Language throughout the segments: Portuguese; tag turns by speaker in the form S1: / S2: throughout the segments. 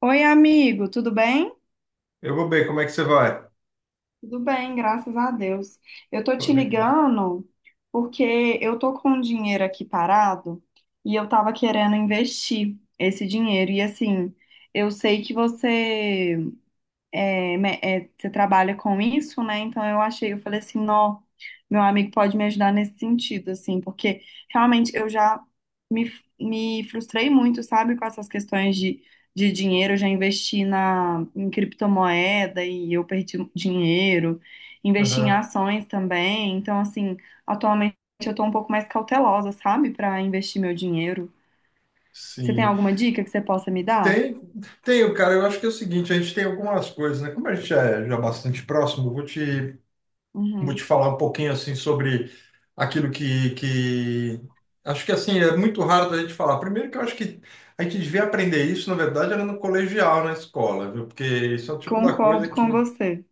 S1: Oi, amigo, tudo bem?
S2: Eu vou bem, como é que você vai?
S1: Tudo bem, graças a Deus. Eu tô
S2: Tá
S1: te
S2: legal.
S1: ligando porque eu tô com um dinheiro aqui parado e eu tava querendo investir esse dinheiro. E assim, eu sei que você você trabalha com isso, né? Então eu achei, eu falei assim, não, meu amigo pode me ajudar nesse sentido, assim, porque realmente eu já me frustrei muito, sabe, com essas questões de dinheiro. Eu já investi em criptomoeda e eu perdi dinheiro, investi em
S2: Aham,
S1: ações também. Então, assim, atualmente eu tô um pouco mais cautelosa, sabe, para investir meu dinheiro. Você tem
S2: sim.
S1: alguma dica que você possa me dar?
S2: Tem, tem, cara, eu acho que é o seguinte, a gente tem algumas coisas, né? Como a gente é já bastante próximo, vou te
S1: Uhum.
S2: falar um pouquinho, assim, sobre aquilo que... Acho que, assim, é muito raro da gente falar. Primeiro que eu acho que a gente devia aprender isso, na verdade, era no colegial, na escola, viu? Porque isso é o tipo da coisa
S1: Concordo
S2: que,
S1: com você,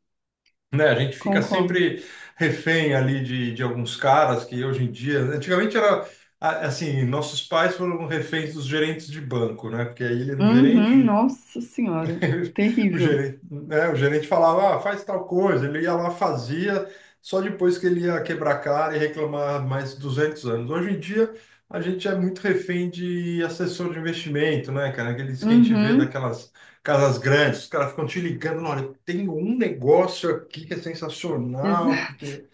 S2: né? A gente fica
S1: concordo.
S2: sempre refém ali de alguns caras que hoje em dia, antigamente era assim, nossos pais foram reféns dos gerentes de banco, né? Porque aí ele era um
S1: Uhum,
S2: gerente.
S1: nossa senhora,
S2: O
S1: terrível.
S2: gerente, né, o gerente falava, ah, faz tal coisa, ele ia lá, fazia, só depois que ele ia quebrar a cara e reclamar mais 200 anos. Hoje em dia, a gente é muito refém de assessor de investimento, né, cara? Aqueles que a gente vê
S1: Uhum,
S2: daquelas casas grandes, os caras ficam te ligando, olha, tem um negócio aqui que é sensacional,
S1: exato.
S2: porque,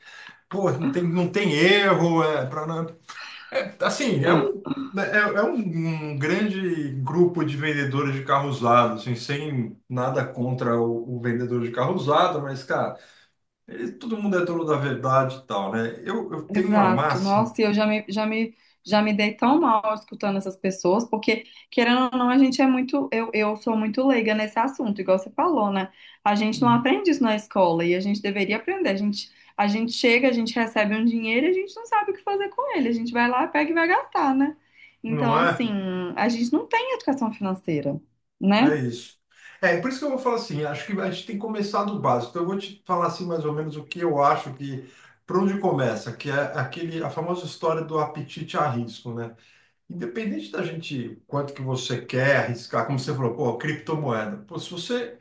S2: pô, não tem erro, para é, assim, é um, um grande grupo de vendedores de carro usado, assim, sem nada contra o vendedor de carro usado, mas, cara, todo mundo é dono da verdade e tal, né? Eu tenho uma
S1: Exato.
S2: máxima,
S1: Nossa, e eu já me, já me, já me dei tão mal escutando essas pessoas, porque, querendo ou não, a gente é muito, eu sou muito leiga nesse assunto, igual você falou, né? A gente não aprende isso na escola e a gente deveria aprender. A gente chega, a gente recebe um dinheiro e a gente não sabe o que fazer com ele. A gente vai lá, pega e vai gastar, né? Então,
S2: não
S1: assim,
S2: é?
S1: a gente não tem educação financeira,
S2: É
S1: né?
S2: isso. É, por isso que eu vou falar assim, acho que a gente tem que começar do básico. Então, eu vou te falar assim mais ou menos o que eu acho por onde começa, que é aquele, a famosa história do apetite a risco, né? Independente da gente, quanto que você quer arriscar, como você falou, pô, criptomoeda. Pô, se você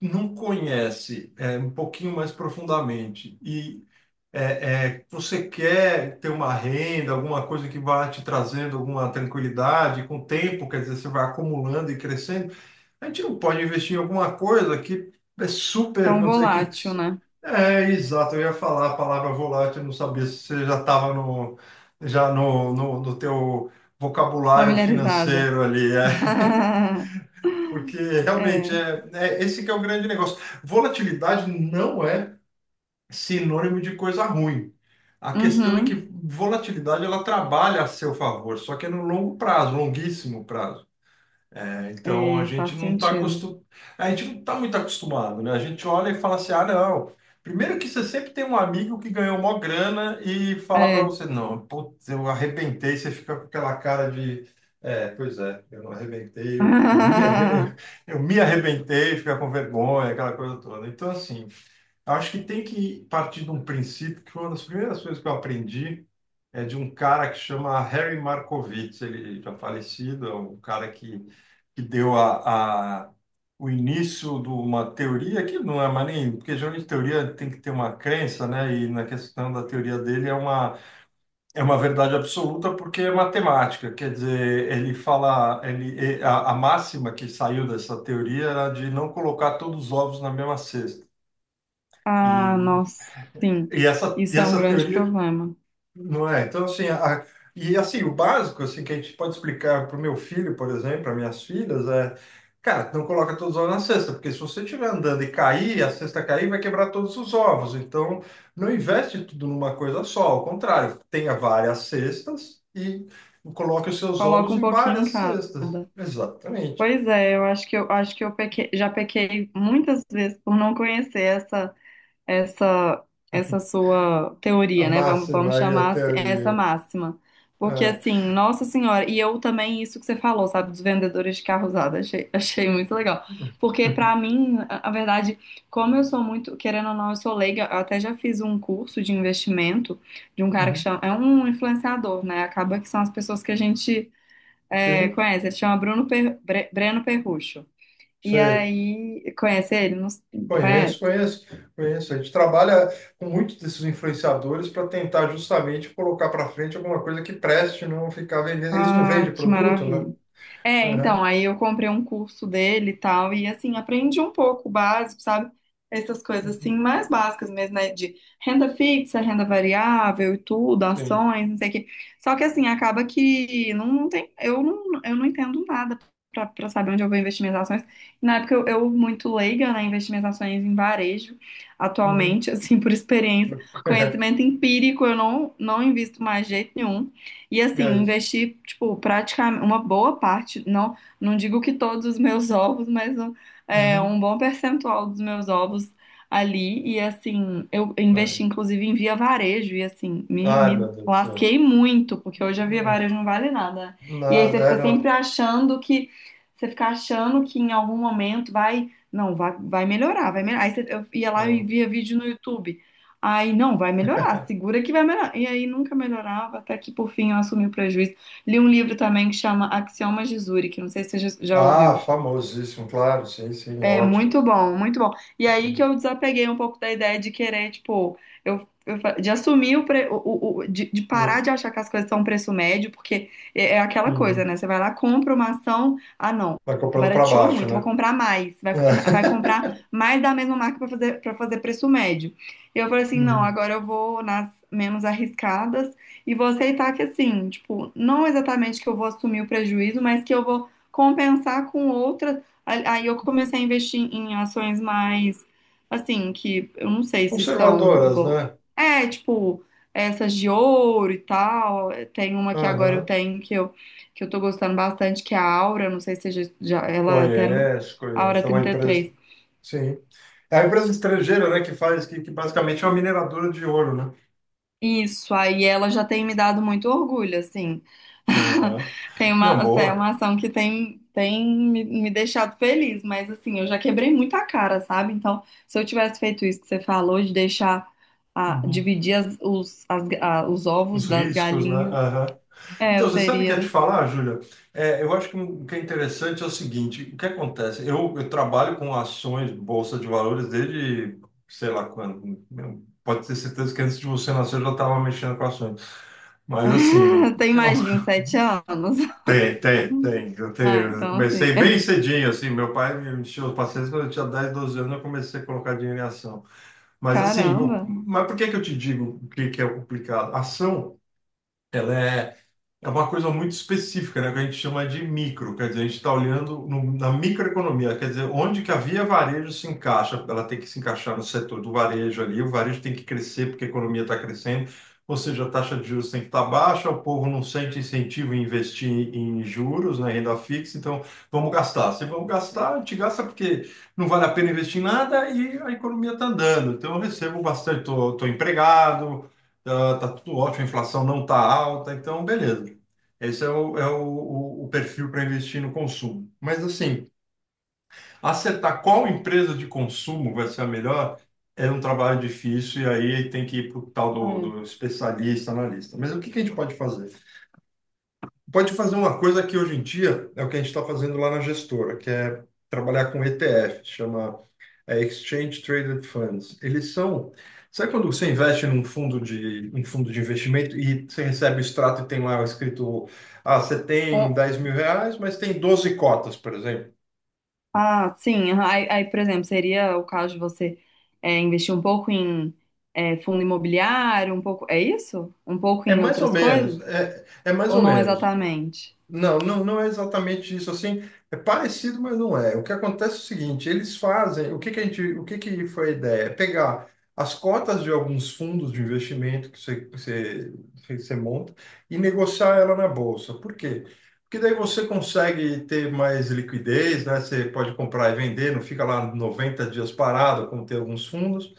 S2: não conhece, um pouquinho mais profundamente e você quer ter uma renda, alguma coisa que vá te trazendo alguma tranquilidade, com o tempo, quer dizer, você vai acumulando e crescendo. A gente não pode investir em alguma coisa que é super,
S1: Tão
S2: vamos dizer que.
S1: volátil, né?
S2: É, exato, eu ia falar a palavra volátil, eu não sabia se você já estava no, já no, no, no teu vocabulário
S1: Familiarizada.
S2: financeiro ali, é. Porque realmente
S1: É.
S2: é esse que é o grande negócio. Volatilidade não é sinônimo de coisa ruim. A questão é que
S1: Uhum.
S2: volatilidade ela trabalha a seu favor, só que é no longo prazo, longuíssimo prazo. É, então
S1: É, faz sentido.
S2: a gente não tá muito acostumado, né? A gente olha e fala assim, ah, não. Primeiro que você sempre tem um amigo que ganhou mó grana e fala para
S1: É.
S2: você, não, putz, eu arrebentei, você fica com aquela cara de, é, pois é, eu não arrebentei,
S1: Ah,
S2: eu me arrebentei, fica com vergonha, aquela coisa toda. Então, assim, eu acho que tem que partir de um princípio que foi uma das primeiras coisas que eu aprendi, é de um cara que chama Harry Markowitz, ele já falecido, é um cara que deu o início de uma teoria que não é mais nem, porque geralmente teoria tem que ter uma crença, né? E na questão da teoria dele é uma verdade absoluta porque é matemática, quer dizer, ele fala, a máxima que saiu dessa teoria era de não colocar todos os ovos na mesma cesta.
S1: ah,
S2: E
S1: nossa, sim,
S2: e
S1: isso é um
S2: essa
S1: grande
S2: teoria,
S1: problema.
S2: não é? Então, assim, e assim, o básico, assim, que a gente pode explicar para o meu filho, por exemplo, para minhas filhas, é, cara, não coloca todos os ovos na cesta, porque se você estiver andando e cair, a cesta cair, vai quebrar todos os ovos. Então, não investe tudo numa coisa só, ao contrário, tenha várias cestas e coloque os seus
S1: Coloca
S2: ovos
S1: um
S2: em
S1: pouquinho em
S2: várias
S1: cada.
S2: cestas. Exatamente.
S1: Pois é, eu acho que já pequei muitas vezes por não conhecer essa essa essa sua
S2: A
S1: teoria, né? Vamos
S2: máxima e a
S1: chamar assim, essa
S2: teoria.
S1: máxima. Porque
S2: É.
S1: assim, Nossa Senhora, e eu também isso que você falou, sabe, dos vendedores de carro usado, achei muito legal. Porque pra
S2: Uhum.
S1: mim, a verdade, como eu sou muito, querendo ou não, eu sou leiga, eu até já fiz um curso de investimento de um cara que chama, é um influenciador, né? Acaba que são as pessoas que a gente
S2: Sim,
S1: conhece, ele chama Breno Perrucho. E
S2: sei.
S1: aí, conhece ele? Não,
S2: Conhece,
S1: conhece?
S2: conhece, conhece. A gente trabalha com muitos desses influenciadores para tentar justamente colocar para frente alguma coisa que preste, não ficar vendendo. Eles não
S1: Ah,
S2: vendem
S1: que
S2: produto, né?
S1: maravilha. É,
S2: Aham.
S1: então, aí eu comprei um curso dele e tal, e assim, aprendi um pouco o básico, sabe? Essas coisas
S2: Uhum.
S1: assim, mais básicas mesmo, né? De renda fixa, renda variável e tudo,
S2: Sim.
S1: ações, não sei o quê. Só que assim, acaba que não tem, eu não entendo nada pra saber onde eu vou investir minhas ações. Na época eu muito leiga, né? Investi minhas ações em varejo,
S2: Uhum.
S1: atualmente, assim, por experiência, conhecimento empírico, eu não, não invisto mais de jeito nenhum. E assim,
S2: É isso.
S1: investi, tipo, praticamente uma boa parte, não digo que todos os meus ovos, mas
S2: Uhum.
S1: um bom percentual dos meus ovos ali. E assim, eu
S2: Ai,
S1: investi inclusive em via varejo, e assim,
S2: ai,
S1: me
S2: meu Deus do céu.
S1: lasquei muito, porque hoje a via
S2: Não,
S1: varejo não vale nada. E aí você
S2: nada, é,
S1: fica sempre
S2: não.
S1: você fica achando que em algum momento vai, não, vai, vai melhorar, vai melhorar. Aí você, eu ia lá e
S2: Não.
S1: via vídeo no YouTube. Aí, não, vai melhorar, segura que vai melhorar. E aí nunca melhorava, até que por fim eu assumi o prejuízo. Li um livro também que chama Axiomas de Zurich, não sei se você já
S2: Ah,
S1: ouviu.
S2: famosíssimo, claro, sim, sim, é
S1: É
S2: ótimo.
S1: muito
S2: Sim.
S1: bom, muito bom. E aí que eu desapeguei um pouco da ideia de querer, tipo, eu fa- de assumir o, pre- o- de parar de
S2: Uhum.
S1: achar que as coisas são um preço médio, porque é aquela coisa,
S2: Uhum.
S1: né? Você vai lá, compra uma ação, ah, não,
S2: Vai comprando para
S1: barateou
S2: baixo,
S1: muito,
S2: né?
S1: vou comprar mais. Vai
S2: É.
S1: comprar mais da mesma marca para fazer preço médio. E eu falei assim, não,
S2: Uhum.
S1: agora eu vou nas menos arriscadas e vou aceitar que assim, tipo, não exatamente que eu vou assumir o prejuízo, mas que eu vou compensar com outras Aí eu comecei a investir em ações mais, assim, que eu não sei se são
S2: Conservadoras,
S1: boas.
S2: né?
S1: É, tipo, essas de ouro e tal. Tem uma que agora eu
S2: Aham.
S1: tenho que eu tô gostando bastante, que é a Aura. Não sei se você já- ela até.
S2: Conheço,
S1: Aura
S2: conheço. É uma
S1: trinta e
S2: empresa.
S1: três
S2: Sim. É uma empresa estrangeira, né, que faz, que basicamente é uma mineradora de ouro, né?
S1: Isso, aí ela já tem me dado muito orgulho, assim.
S2: Aham.
S1: Tem uma,
S2: Não,
S1: assim, é
S2: boa.
S1: uma ação que tem, me deixado feliz, mas assim, eu já quebrei muita cara, sabe? Então, se eu tivesse feito isso que você falou, de deixar, ah,
S2: Uhum.
S1: dividir os ovos
S2: Os
S1: das
S2: riscos, né?
S1: galinhas,
S2: Aham.
S1: é,
S2: Então,
S1: eu
S2: você sabe o que eu ia te
S1: teria.
S2: falar, Júlia? É, eu acho que um, o que é interessante é o seguinte: o que acontece? Eu trabalho com ações, bolsa de valores, desde sei lá quando. Meu, pode ter certeza que antes de você nascer eu já estava mexendo com ações. Mas, assim, o-
S1: Tem mais de 27 anos.
S2: tem, tem, tem.
S1: Ah,
S2: Eu
S1: então assim,
S2: comecei bem cedinho, assim. Meu pai me encheu os pacientes quando eu tinha 10 12 anos, eu comecei a colocar dinheiro em ação. Mas assim, o-
S1: caramba.
S2: mas por que que eu te digo o que que é complicado? Ação, ela é é uma coisa muito específica, né, que a gente chama de micro, quer dizer, a gente está olhando na microeconomia, quer dizer, onde que a via varejo se encaixa, ela tem que se encaixar no setor do varejo ali, o varejo tem que crescer porque a economia está crescendo, ou seja, a taxa de juros tem que estar baixa, o povo não sente incentivo em investir em juros, né, renda fixa, então vamos gastar. Se vamos gastar, a gente gasta porque não vale a pena investir em nada e a economia está andando, então eu recebo bastante, estou empregado, está tudo ótimo, a inflação não está alta, então beleza. Esse é o perfil para investir no consumo. Mas, assim, acertar qual empresa de consumo vai ser a melhor é um trabalho difícil e aí tem que ir para o tal
S1: É.
S2: do especialista, analista. Mas o que que a gente pode fazer? Pode fazer uma coisa que hoje em dia é o que a gente está fazendo lá na gestora, que é trabalhar com ETF, chama é Exchange Traded Funds. Eles são. Sabe quando você investe um fundo de investimento e você recebe o extrato e tem lá escrito: ah, você tem 10 mil reais, mas tem 12 cotas, por exemplo?
S1: Ah, sim. Aham. Aí, por exemplo, seria o caso de você investir um pouco em fundo imobiliário, um pouco. É isso? Um pouco
S2: É
S1: em
S2: mais ou
S1: outras
S2: menos.
S1: coisas?
S2: É, é mais
S1: Ou
S2: ou
S1: não
S2: menos.
S1: exatamente?
S2: Não, não, não é exatamente isso assim. É parecido, mas não é. O que acontece é o seguinte, eles fazem, o que que a gente, o que que foi a ideia? É pegar as cotas de alguns fundos de investimento que você monta e negociar ela na bolsa. Por quê? Porque daí você consegue ter mais liquidez, né? Você pode comprar e vender, não fica lá 90 dias parado, como tem alguns fundos.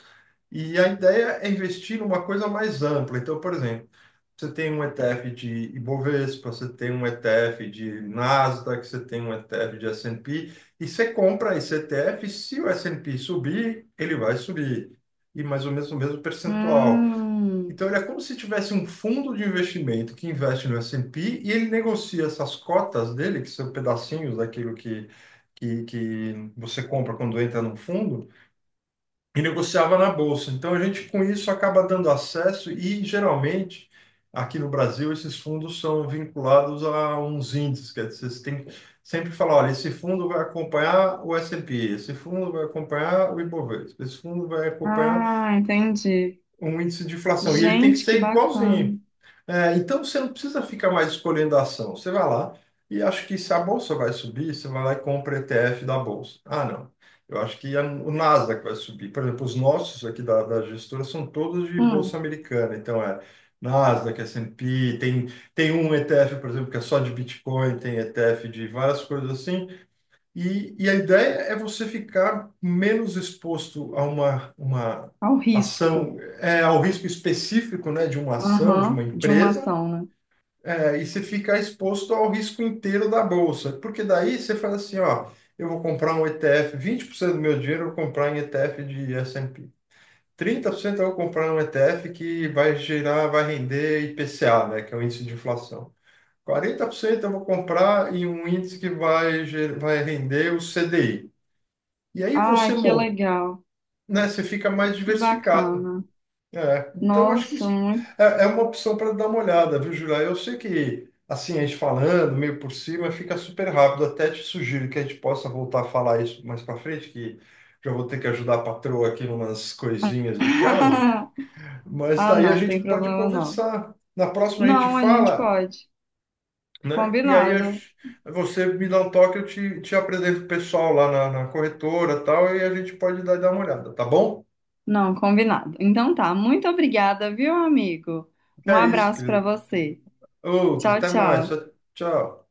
S2: E a ideia é investir numa coisa mais ampla. Então, por exemplo, você tem um ETF de Ibovespa, você tem um ETF de Nasdaq, você tem um ETF de S&P, e você compra esse ETF, se o S&P subir, ele vai subir, e mais ou menos o mesmo percentual.
S1: Hum.
S2: Então, ele é como se tivesse um fundo de investimento que investe no S&P e ele negocia essas cotas dele, que são pedacinhos daquilo que você compra quando entra num fundo, e negociava na bolsa. Então a gente com isso acaba dando acesso e geralmente aqui no Brasil esses fundos são vinculados a uns índices, quer dizer, você tem que sempre falar, olha, esse fundo vai acompanhar o S&P, esse fundo vai acompanhar o Ibovespa, esse fundo vai acompanhar
S1: Ah, entendi.
S2: um índice de inflação e ele tem que
S1: Gente, que
S2: ser
S1: bacana.
S2: igualzinho. É, então você não precisa ficar mais escolhendo a ação. Você vai lá e acho que se a bolsa vai subir, você vai lá e compra ETF da bolsa. Ah, não. Eu acho que é o Nasdaq vai subir. Por exemplo, os nossos aqui da gestora são todos de
S1: Hum,
S2: bolsa americana. Então é Nasdaq, S&P, tem um ETF, por exemplo, que é só de Bitcoin, tem ETF de várias coisas assim. E a ideia é você ficar menos exposto a uma
S1: ao risco.
S2: ação, é, ao risco específico, né, de uma ação, de uma
S1: Aham, de uma
S2: empresa,
S1: ação, né?
S2: é, e você fica exposto ao risco inteiro da bolsa, porque daí você faz assim, ó, eu vou comprar um ETF, cento do meu dinheiro eu vou comprar em ETF de S&P, cento eu vou comprar um ETF que vai gerar, vai render IPCA, né, que é o índice de inflação. 40% eu vou comprar em um índice que vai, vai render o CDI. E aí
S1: Ah,
S2: você,
S1: que
S2: mon-,
S1: legal.
S2: né, você fica mais
S1: Que
S2: diversificado.
S1: bacana.
S2: É, então acho que
S1: Nossa,
S2: isso
S1: muito.
S2: é, é uma opção para dar uma olhada, viu, Julia? Eu sei que assim a gente falando meio por cima fica super rápido. Até te sugiro que a gente possa voltar a falar isso mais para frente, que já vou ter que ajudar a patroa aqui numas coisinhas de casa. Mas
S1: Ah,
S2: daí a
S1: não, não tem
S2: gente pode
S1: problema não.
S2: conversar. Na próxima a gente
S1: Não, a gente
S2: fala,
S1: pode.
S2: né? E aí a
S1: Combinado.
S2: gente- você me dá um toque, eu te, te apresento o pessoal lá na corretora e tal, e a gente pode dar uma olhada, tá bom?
S1: Não, combinado. Então tá, muito obrigada, viu, amigo? Um
S2: É isso,
S1: abraço pra
S2: querido.
S1: você.
S2: Outro,
S1: Tchau,
S2: até mais.
S1: tchau.
S2: Tchau.